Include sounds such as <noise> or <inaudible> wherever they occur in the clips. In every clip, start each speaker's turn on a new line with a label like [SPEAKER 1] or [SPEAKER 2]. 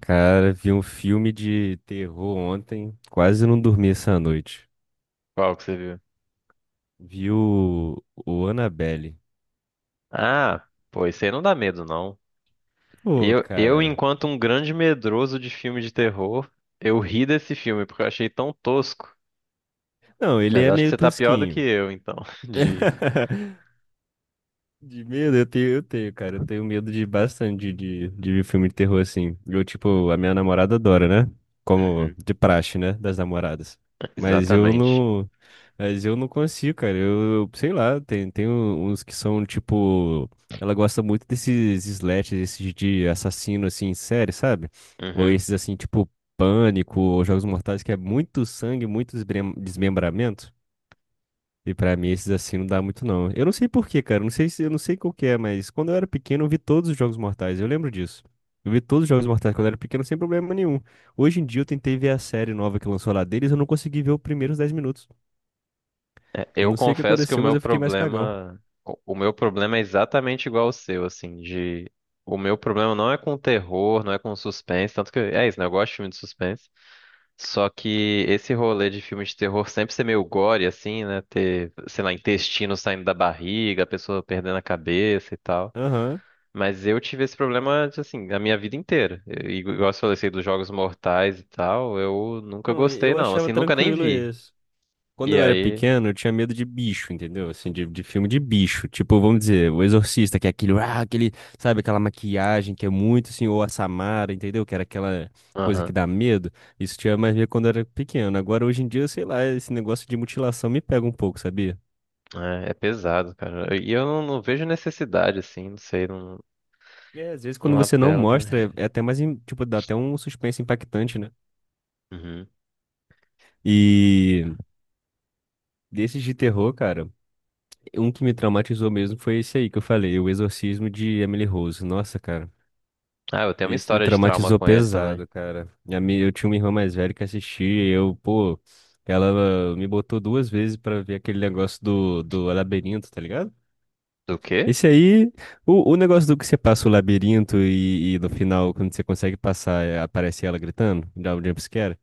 [SPEAKER 1] Cara, vi um filme de terror ontem, quase não dormi essa noite.
[SPEAKER 2] Qual que você viu?
[SPEAKER 1] Vi o Annabelle.
[SPEAKER 2] Ah, pô, isso aí não dá medo, não.
[SPEAKER 1] Pô, cara.
[SPEAKER 2] Enquanto um grande medroso de filme de terror, eu ri desse filme porque eu achei tão tosco.
[SPEAKER 1] Não, ele
[SPEAKER 2] Mas
[SPEAKER 1] é
[SPEAKER 2] acho que
[SPEAKER 1] meio
[SPEAKER 2] você tá pior do que
[SPEAKER 1] tosquinho.
[SPEAKER 2] eu, então. <laughs> De...
[SPEAKER 1] <laughs> De medo, eu tenho, cara. Eu tenho medo de bastante de ver filme de terror assim. Eu, tipo, a minha namorada adora, né? Como
[SPEAKER 2] Uhum.
[SPEAKER 1] de praxe, né? Das namoradas. Mas eu
[SPEAKER 2] Exatamente.
[SPEAKER 1] não. Mas eu não consigo, cara. Eu, sei lá, tem uns que são tipo. Ela gosta muito desses slashers, esses de assassino assim, em série, sabe? Ou
[SPEAKER 2] Uhum.
[SPEAKER 1] esses assim, tipo Pânico, ou Jogos Mortais, que é muito sangue, muito desmembramento. E pra mim esses assim não dá muito não. Eu não sei por quê, cara. Eu não sei se, eu não sei qual que é, mas quando eu era pequeno eu vi todos os Jogos Mortais. Eu lembro disso. Eu vi todos os Jogos Mortais quando eu era pequeno sem problema nenhum. Hoje em dia eu tentei ver a série nova que lançou lá deles, eu não consegui ver os primeiros 10 minutos.
[SPEAKER 2] É,
[SPEAKER 1] Eu
[SPEAKER 2] eu
[SPEAKER 1] não sei o que
[SPEAKER 2] confesso que o
[SPEAKER 1] aconteceu, mas
[SPEAKER 2] meu
[SPEAKER 1] eu fiquei mais cagão.
[SPEAKER 2] problema, o meu problema é exatamente igual ao seu, assim, de o meu problema não é com terror, não é com suspense, tanto que é isso, né? Eu gosto de filme de suspense. Só que esse rolê de filme de terror sempre ser meio gore, assim, né? Ter, sei lá, intestino saindo da barriga, a pessoa perdendo a cabeça e tal.
[SPEAKER 1] Aham.
[SPEAKER 2] Mas eu tive esse problema, assim, a minha vida inteira. E igual você falou assim, dos Jogos Mortais e tal, eu nunca
[SPEAKER 1] Não,
[SPEAKER 2] gostei,
[SPEAKER 1] eu
[SPEAKER 2] não.
[SPEAKER 1] achava
[SPEAKER 2] Assim, nunca nem
[SPEAKER 1] tranquilo
[SPEAKER 2] vi.
[SPEAKER 1] isso. Quando
[SPEAKER 2] E
[SPEAKER 1] eu era
[SPEAKER 2] aí,
[SPEAKER 1] pequeno, eu tinha medo de bicho, entendeu? Assim, de filme de bicho. Tipo, vamos dizer, O Exorcista, que é aquele, sabe, aquela maquiagem que é muito assim, ou a Samara, entendeu? Que era aquela coisa que
[SPEAKER 2] aham,
[SPEAKER 1] dá medo. Isso tinha mais medo quando eu era pequeno. Agora, hoje em dia, sei lá, esse negócio de mutilação me pega um pouco, sabia?
[SPEAKER 2] é, é pesado, cara. E eu não, não vejo necessidade, assim, não sei, não,
[SPEAKER 1] É, às vezes quando
[SPEAKER 2] não
[SPEAKER 1] você não
[SPEAKER 2] apela pra
[SPEAKER 1] mostra,
[SPEAKER 2] mim.
[SPEAKER 1] é até mais, tipo, dá até um suspense impactante, né?
[SPEAKER 2] Uhum.
[SPEAKER 1] E desses de terror, cara. Um que me traumatizou mesmo foi esse aí que eu falei, O Exorcismo de Emily Rose. Nossa, cara.
[SPEAKER 2] Ah, eu tenho uma
[SPEAKER 1] Esse me
[SPEAKER 2] história de trauma
[SPEAKER 1] traumatizou
[SPEAKER 2] com ele também.
[SPEAKER 1] pesado, cara. Eu tinha uma irmã mais velha que assistia e eu, pô, ela me botou 2 vezes pra ver aquele negócio do labirinto, tá ligado?
[SPEAKER 2] Do quê?
[SPEAKER 1] Esse aí, o negócio do que você passa o labirinto e no final, quando você consegue passar, é, aparece ela gritando, dá um jumpscare.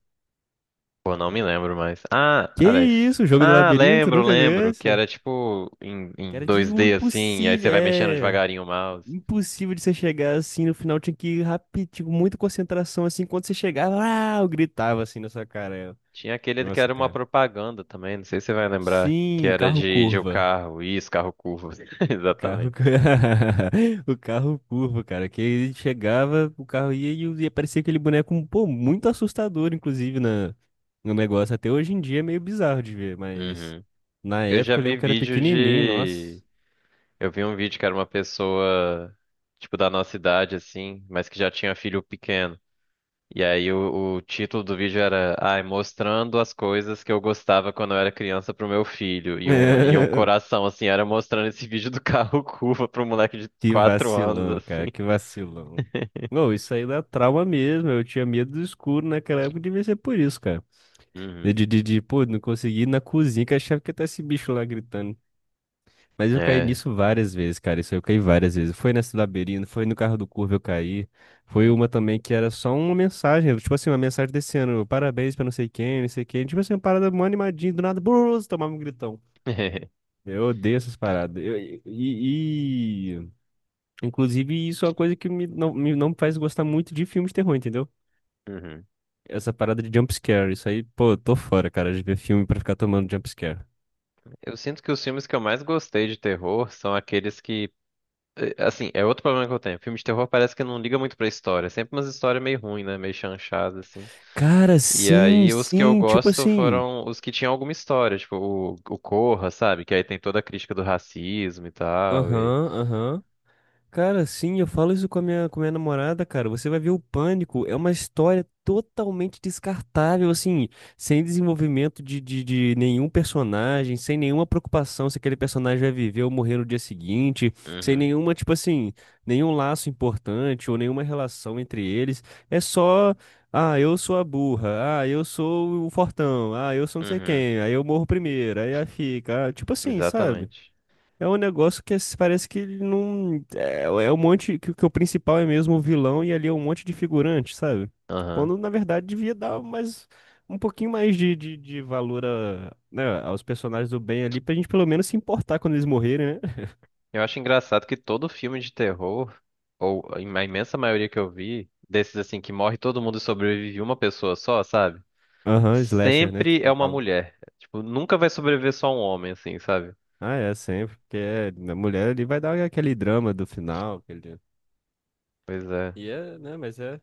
[SPEAKER 2] Pô, não me lembro mais. Ah,
[SPEAKER 1] Que
[SPEAKER 2] aliás.
[SPEAKER 1] isso, o jogo do
[SPEAKER 2] Ah,
[SPEAKER 1] labirinto?
[SPEAKER 2] lembro,
[SPEAKER 1] Nunca viu
[SPEAKER 2] lembro. Que
[SPEAKER 1] esse?
[SPEAKER 2] era tipo em,
[SPEAKER 1] Que
[SPEAKER 2] em
[SPEAKER 1] era de
[SPEAKER 2] dois
[SPEAKER 1] o
[SPEAKER 2] d assim, e aí você
[SPEAKER 1] impossível,
[SPEAKER 2] vai mexendo
[SPEAKER 1] é.
[SPEAKER 2] devagarinho o mouse.
[SPEAKER 1] Impossível de você chegar assim no final, tinha que ir rápido, tipo, muita concentração assim. Quando você chegava, ah, eu gritava assim na sua cara. Eu.
[SPEAKER 2] Tinha aquele que
[SPEAKER 1] Nossa,
[SPEAKER 2] era uma
[SPEAKER 1] cara.
[SPEAKER 2] propaganda também, não sei se você vai lembrar. Que
[SPEAKER 1] Sim,
[SPEAKER 2] era
[SPEAKER 1] carro
[SPEAKER 2] de um
[SPEAKER 1] curva.
[SPEAKER 2] carro. Isso, carro curvo. <laughs>
[SPEAKER 1] Carro...
[SPEAKER 2] Exatamente.
[SPEAKER 1] cu- <laughs> O carro curva, cara. Que ele chegava, o carro ia e aparecia aquele boneco, pô, muito assustador, inclusive, no negócio. Até hoje em dia é meio bizarro de ver, mas
[SPEAKER 2] Uhum.
[SPEAKER 1] na
[SPEAKER 2] Eu já
[SPEAKER 1] época eu
[SPEAKER 2] vi
[SPEAKER 1] lembro que era
[SPEAKER 2] vídeo
[SPEAKER 1] pequenininho, nossa.
[SPEAKER 2] de. Eu vi um vídeo que era uma pessoa, tipo, da nossa idade, assim, mas que já tinha filho pequeno. E aí o título do vídeo era, ai, mostrando as coisas que eu gostava quando eu era criança pro meu filho. E um
[SPEAKER 1] <laughs>
[SPEAKER 2] coração, assim, era mostrando esse vídeo do carro <laughs> curva pro moleque de
[SPEAKER 1] Que
[SPEAKER 2] 4 anos,
[SPEAKER 1] vacilão,
[SPEAKER 2] assim.
[SPEAKER 1] cara, que vacilão. Não, isso aí dá trauma mesmo. Eu tinha medo do escuro naquela época, devia ser por isso, cara. De,
[SPEAKER 2] Uhum.
[SPEAKER 1] de, de, de, pô, não consegui ir na cozinha, que eu achava que tá esse bicho lá gritando. Mas eu caí
[SPEAKER 2] É.
[SPEAKER 1] nisso várias vezes, cara. Isso aí eu caí várias vezes. Foi nesse labirinto, foi no carro do Curva eu caí. Foi uma também que era só uma mensagem, tipo assim, uma mensagem desse ano, parabéns pra não sei quem, não sei quem. Tipo assim, uma parada mó animadinha, do nada, brus, tomava um gritão.
[SPEAKER 2] <laughs>
[SPEAKER 1] Eu odeio essas paradas. Eu, e- Inclusive, isso é uma coisa que me, não faz gostar muito de filmes de terror, entendeu?
[SPEAKER 2] Uhum.
[SPEAKER 1] Essa parada de jump scare, isso aí, pô, eu tô fora, cara, de ver filme pra ficar tomando jump scare.
[SPEAKER 2] Eu sinto que os filmes que eu mais gostei de terror são aqueles que. Assim, é outro problema que eu tenho. Filme de terror parece que não liga muito pra história. É sempre umas histórias meio ruim, né? Meio chanchada, assim.
[SPEAKER 1] Cara,
[SPEAKER 2] E
[SPEAKER 1] sim,
[SPEAKER 2] aí os que eu
[SPEAKER 1] sim, tipo
[SPEAKER 2] gosto
[SPEAKER 1] assim.
[SPEAKER 2] foram os que tinham alguma história, tipo o Corra, sabe? Que aí tem toda a crítica do racismo e tal. E...
[SPEAKER 1] Aham, aham. Cara, sim, eu falo isso com a minha namorada, cara. Você vai ver o Pânico, é uma história totalmente descartável, assim, sem desenvolvimento de nenhum personagem, sem nenhuma preocupação se aquele personagem vai viver ou morrer no dia seguinte, sem
[SPEAKER 2] Uhum,
[SPEAKER 1] nenhuma, tipo assim, nenhum laço importante ou nenhuma relação entre eles. É só, ah, eu sou a burra, ah, eu sou o fortão, ah, eu sou não sei
[SPEAKER 2] uhum,
[SPEAKER 1] quem, aí eu morro primeiro, aí a fica, ah, tipo assim, sabe?
[SPEAKER 2] exatamente.
[SPEAKER 1] É um negócio que parece que ele não. É um monte. Que o principal é mesmo o vilão e ali é um monte de figurante, sabe?
[SPEAKER 2] Aham.
[SPEAKER 1] Quando na verdade devia dar mais. Um pouquinho mais de valor a, né, aos personagens do bem ali, pra gente pelo menos se importar quando eles morrerem, né?
[SPEAKER 2] Eu acho engraçado que todo filme de terror, ou a imensa maioria que eu vi, desses assim que morre todo mundo e sobrevive uma pessoa só, sabe?
[SPEAKER 1] Aham, slasher, né?
[SPEAKER 2] Sempre
[SPEAKER 1] Tipo,
[SPEAKER 2] é
[SPEAKER 1] que
[SPEAKER 2] uma
[SPEAKER 1] falam.
[SPEAKER 2] mulher. Tipo, nunca vai sobreviver só um homem, assim, sabe?
[SPEAKER 1] Ah, é, sempre. Porque é, a mulher ali vai dar aquele drama do final. Aquele.
[SPEAKER 2] Pois é.
[SPEAKER 1] E é, né? Mas é.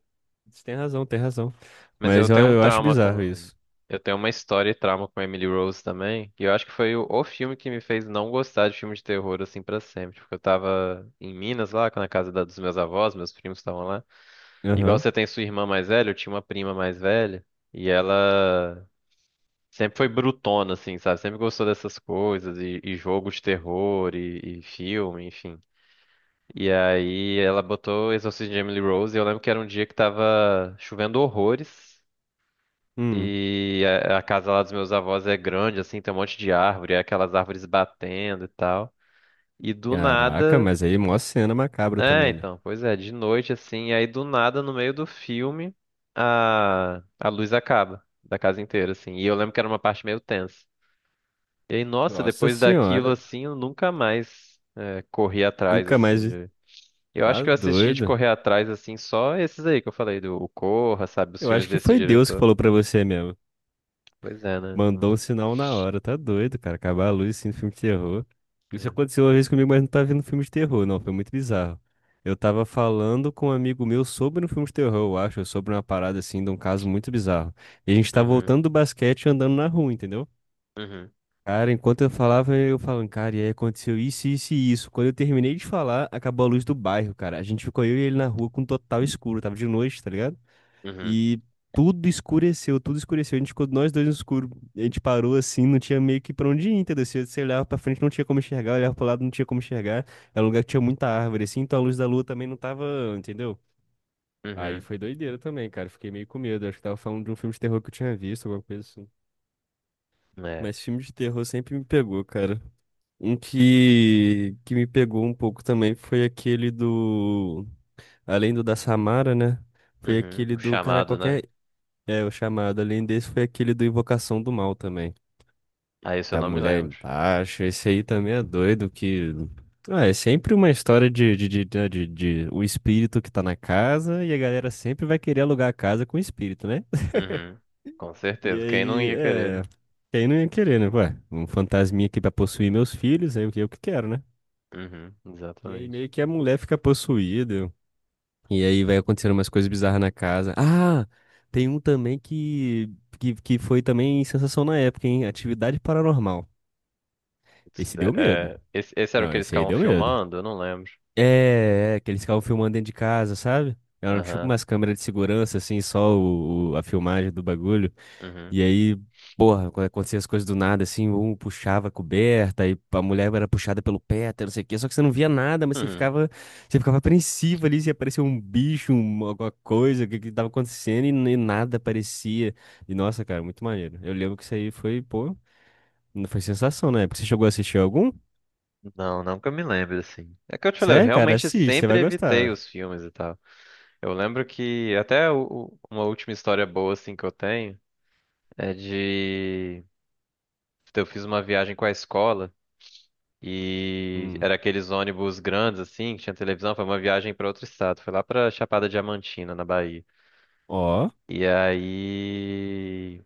[SPEAKER 1] Você tem razão, tem razão.
[SPEAKER 2] Mas eu
[SPEAKER 1] Mas eu,
[SPEAKER 2] tenho um
[SPEAKER 1] eu acho
[SPEAKER 2] trauma
[SPEAKER 1] bizarro
[SPEAKER 2] com.
[SPEAKER 1] isso.
[SPEAKER 2] Eu tenho uma história e trauma com Emily Rose também. E eu acho que foi o filme que me fez não gostar de filme de terror assim pra sempre. Porque eu tava em Minas lá, na dos meus avós, meus primos estavam lá. Igual
[SPEAKER 1] Aham.
[SPEAKER 2] você tem sua irmã mais velha, eu tinha uma prima mais velha. E ela sempre foi brutona, assim, sabe? Sempre gostou dessas coisas, e jogo de terror, e filme, enfim. E aí ela botou Exorcismo de Emily Rose. E eu lembro que era um dia que tava chovendo horrores.
[SPEAKER 1] Hum.
[SPEAKER 2] E a casa lá dos meus avós é grande, assim, tem um monte de árvore, é aquelas árvores batendo e tal. E do
[SPEAKER 1] Caraca,
[SPEAKER 2] nada.
[SPEAKER 1] mas aí mó cena macabra
[SPEAKER 2] É,
[SPEAKER 1] também, né?
[SPEAKER 2] então, pois é, de noite, assim, aí do nada, no meio do filme, a luz acaba da casa inteira, assim. E eu lembro que era uma parte meio tensa. E aí, nossa,
[SPEAKER 1] Nossa
[SPEAKER 2] depois daquilo,
[SPEAKER 1] senhora,
[SPEAKER 2] assim, eu nunca mais é, corri atrás,
[SPEAKER 1] nunca mais.
[SPEAKER 2] assim. De- Eu acho
[SPEAKER 1] Tá
[SPEAKER 2] que eu assisti de
[SPEAKER 1] doido.
[SPEAKER 2] correr atrás, assim, só esses aí que eu falei, do o Corra, sabe, os
[SPEAKER 1] Eu
[SPEAKER 2] filmes
[SPEAKER 1] acho que
[SPEAKER 2] desse
[SPEAKER 1] foi Deus que
[SPEAKER 2] diretor.
[SPEAKER 1] falou pra você mesmo.
[SPEAKER 2] Pois é, né?
[SPEAKER 1] Mandou um sinal na hora, tá doido, cara. Acabar a luz sim, no filme de terror. Isso
[SPEAKER 2] É.
[SPEAKER 1] aconteceu uma vez comigo, mas não tá vendo filme de terror, não. Foi muito bizarro. Eu tava falando com um amigo meu sobre um filme de terror, eu acho, sobre uma parada assim, de um caso muito bizarro. E a gente tá
[SPEAKER 2] Uhum,
[SPEAKER 1] voltando do basquete e andando na rua, entendeu?
[SPEAKER 2] uhum,
[SPEAKER 1] Cara, enquanto eu falava, eu falando, cara, e aí aconteceu isso, isso e isso. Quando eu terminei de falar, acabou a luz do bairro, cara. A gente ficou eu e ele na rua com total escuro, tava de noite, tá ligado?
[SPEAKER 2] uhum.
[SPEAKER 1] E tudo escureceu, tudo escureceu. A gente ficou nós dois no escuro. A gente parou assim, não tinha meio que pra onde ir, entendeu? Você olhava pra frente, não tinha como enxergar, olhava pro lado, não tinha como enxergar. Era um lugar que tinha muita árvore, assim, então a luz da lua também não tava, entendeu? Aí
[SPEAKER 2] Uhum.
[SPEAKER 1] foi doideira também, cara. Fiquei meio com medo. Acho que tava falando de um filme de terror que eu tinha visto, alguma coisa assim.
[SPEAKER 2] É.
[SPEAKER 1] Mas filme de terror sempre me pegou, cara. Um que me pegou um pouco também foi aquele do. Além do da Samara, né? Foi
[SPEAKER 2] Uhum.
[SPEAKER 1] aquele
[SPEAKER 2] O
[SPEAKER 1] do. Cara,
[SPEAKER 2] chamado, né?
[SPEAKER 1] qualquer. É, o chamado. Além desse, foi aquele do Invocação do Mal também.
[SPEAKER 2] Ah, isso eu
[SPEAKER 1] Da
[SPEAKER 2] não me
[SPEAKER 1] mulher
[SPEAKER 2] lembro.
[SPEAKER 1] embaixo. Esse aí também é doido, que. Ah, é sempre uma história de o espírito que tá na casa e a galera sempre vai querer alugar a casa com o espírito, né? <laughs>
[SPEAKER 2] Uhum. Com
[SPEAKER 1] E
[SPEAKER 2] certeza. Quem não
[SPEAKER 1] aí,
[SPEAKER 2] ia querer, né?
[SPEAKER 1] é. Quem não ia querer, né? Ué, um fantasminha aqui pra possuir meus filhos, aí o que eu que quero, né?
[SPEAKER 2] Uhum.
[SPEAKER 1] E aí meio
[SPEAKER 2] Exatamente.
[SPEAKER 1] que a mulher fica possuída. E aí vai acontecendo umas coisas bizarras na casa. Ah, tem um também que foi também sensação na época, hein? Atividade Paranormal.
[SPEAKER 2] It's-
[SPEAKER 1] Esse
[SPEAKER 2] é,
[SPEAKER 1] deu medo.
[SPEAKER 2] é, esse era o
[SPEAKER 1] Não,
[SPEAKER 2] que eles
[SPEAKER 1] esse aí
[SPEAKER 2] estavam
[SPEAKER 1] deu medo.
[SPEAKER 2] filmando? Eu não lembro.
[SPEAKER 1] É, que eles ficavam filmando dentro de casa, sabe? Eram tipo
[SPEAKER 2] Aham.
[SPEAKER 1] umas câmeras de segurança, assim, só a filmagem do bagulho.
[SPEAKER 2] Uhum.
[SPEAKER 1] E aí, porra, quando acontecia as coisas do nada, assim, um puxava a coberta, e a mulher era puxada pelo pé, até não sei o quê, só que você não via nada, mas
[SPEAKER 2] Uhum.
[SPEAKER 1] você ficava apreensivo ali, se aparecia um bicho, alguma coisa, o que que tava acontecendo, e, nem nada aparecia. E nossa, cara, muito maneiro. Eu lembro que isso aí foi, pô, não foi sensação, né? Porque você chegou a assistir algum?
[SPEAKER 2] Não, não que eu me lembre, assim. É que eu te falei, eu
[SPEAKER 1] Sério, cara,
[SPEAKER 2] realmente
[SPEAKER 1] assiste, você vai
[SPEAKER 2] sempre evitei
[SPEAKER 1] gostar.
[SPEAKER 2] os filmes e tal. Eu lembro que até uma última história boa, assim, que eu tenho é de. Eu fiz uma viagem com a escola. E
[SPEAKER 1] Hum.
[SPEAKER 2] era aqueles ônibus grandes, assim, que tinha televisão. Foi uma viagem para outro estado. Foi lá pra Chapada Diamantina, na Bahia.
[SPEAKER 1] Ó,
[SPEAKER 2] E aí,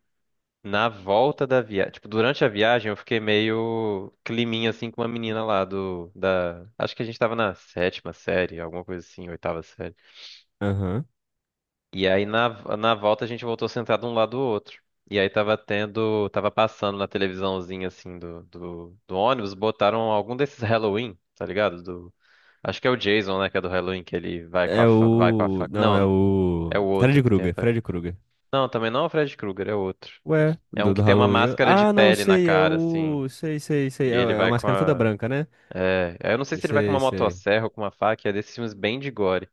[SPEAKER 2] na volta da viagem, tipo, durante a viagem eu fiquei meio climinha, assim, com uma menina lá da, acho que a gente tava na sétima série, alguma coisa assim, oitava série.
[SPEAKER 1] aham.
[SPEAKER 2] E aí, na volta a gente voltou sentado um lado do outro. E aí tava tendo, tava passando na televisãozinha, assim, do ônibus, botaram algum desses Halloween, tá ligado? Acho que é o Jason, né, que é do Halloween, que ele vai com
[SPEAKER 1] É
[SPEAKER 2] a fa... vai com a
[SPEAKER 1] o.
[SPEAKER 2] faca.
[SPEAKER 1] Não, é
[SPEAKER 2] Não, é o
[SPEAKER 1] o.
[SPEAKER 2] outro
[SPEAKER 1] Fred
[SPEAKER 2] que tem a
[SPEAKER 1] Krueger,
[SPEAKER 2] faca.
[SPEAKER 1] Fred Krueger.
[SPEAKER 2] Não, também não é o Fred Krueger, é outro.
[SPEAKER 1] Ué,
[SPEAKER 2] É
[SPEAKER 1] do,
[SPEAKER 2] um que
[SPEAKER 1] do
[SPEAKER 2] tem uma
[SPEAKER 1] Halloween.
[SPEAKER 2] máscara de
[SPEAKER 1] Ah, não,
[SPEAKER 2] pele na
[SPEAKER 1] sei, é
[SPEAKER 2] cara, assim.
[SPEAKER 1] o. Sei, sei, sei.
[SPEAKER 2] E
[SPEAKER 1] É,
[SPEAKER 2] ele
[SPEAKER 1] é a
[SPEAKER 2] vai com
[SPEAKER 1] máscara toda
[SPEAKER 2] a.
[SPEAKER 1] branca, né?
[SPEAKER 2] É, eu não sei se ele vai com
[SPEAKER 1] Sei,
[SPEAKER 2] uma
[SPEAKER 1] sei.
[SPEAKER 2] motosserra ou com uma faca, é desses filmes bem de gore.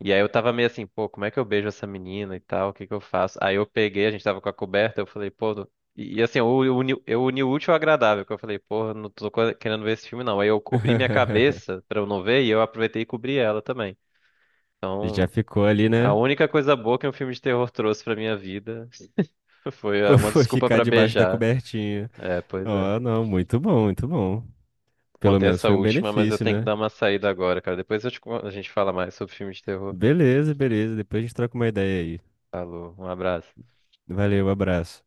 [SPEAKER 2] E aí eu tava meio assim, pô, como é que eu beijo essa menina e tal? O que que eu faço? Aí eu peguei, a gente tava com a coberta, eu falei, pô. Não- E e assim, eu uni o útil ao agradável, que eu falei, pô, não tô co- querendo ver esse filme, não. Aí eu cobri minha
[SPEAKER 1] <laughs>
[SPEAKER 2] cabeça pra eu não ver e eu aproveitei e cobri ela também. Então.
[SPEAKER 1] Já ficou ali,
[SPEAKER 2] A
[SPEAKER 1] né? <laughs>
[SPEAKER 2] única coisa boa que um filme de terror trouxe pra minha vida <laughs> foi ah,
[SPEAKER 1] Foi
[SPEAKER 2] uma
[SPEAKER 1] foi
[SPEAKER 2] desculpa
[SPEAKER 1] ficar
[SPEAKER 2] pra
[SPEAKER 1] debaixo da
[SPEAKER 2] beijar.
[SPEAKER 1] cobertinha.
[SPEAKER 2] É, pois é.
[SPEAKER 1] Ó, não, muito bom, muito bom. Pelo
[SPEAKER 2] Contei
[SPEAKER 1] menos
[SPEAKER 2] essa
[SPEAKER 1] foi um
[SPEAKER 2] última, mas eu
[SPEAKER 1] benefício,
[SPEAKER 2] tenho que
[SPEAKER 1] né?
[SPEAKER 2] dar uma saída agora, cara. Depois eu te con- a gente fala mais sobre filme de terror.
[SPEAKER 1] Beleza, beleza. Depois a gente troca uma ideia aí.
[SPEAKER 2] Falou, um abraço.
[SPEAKER 1] Valeu, abraço.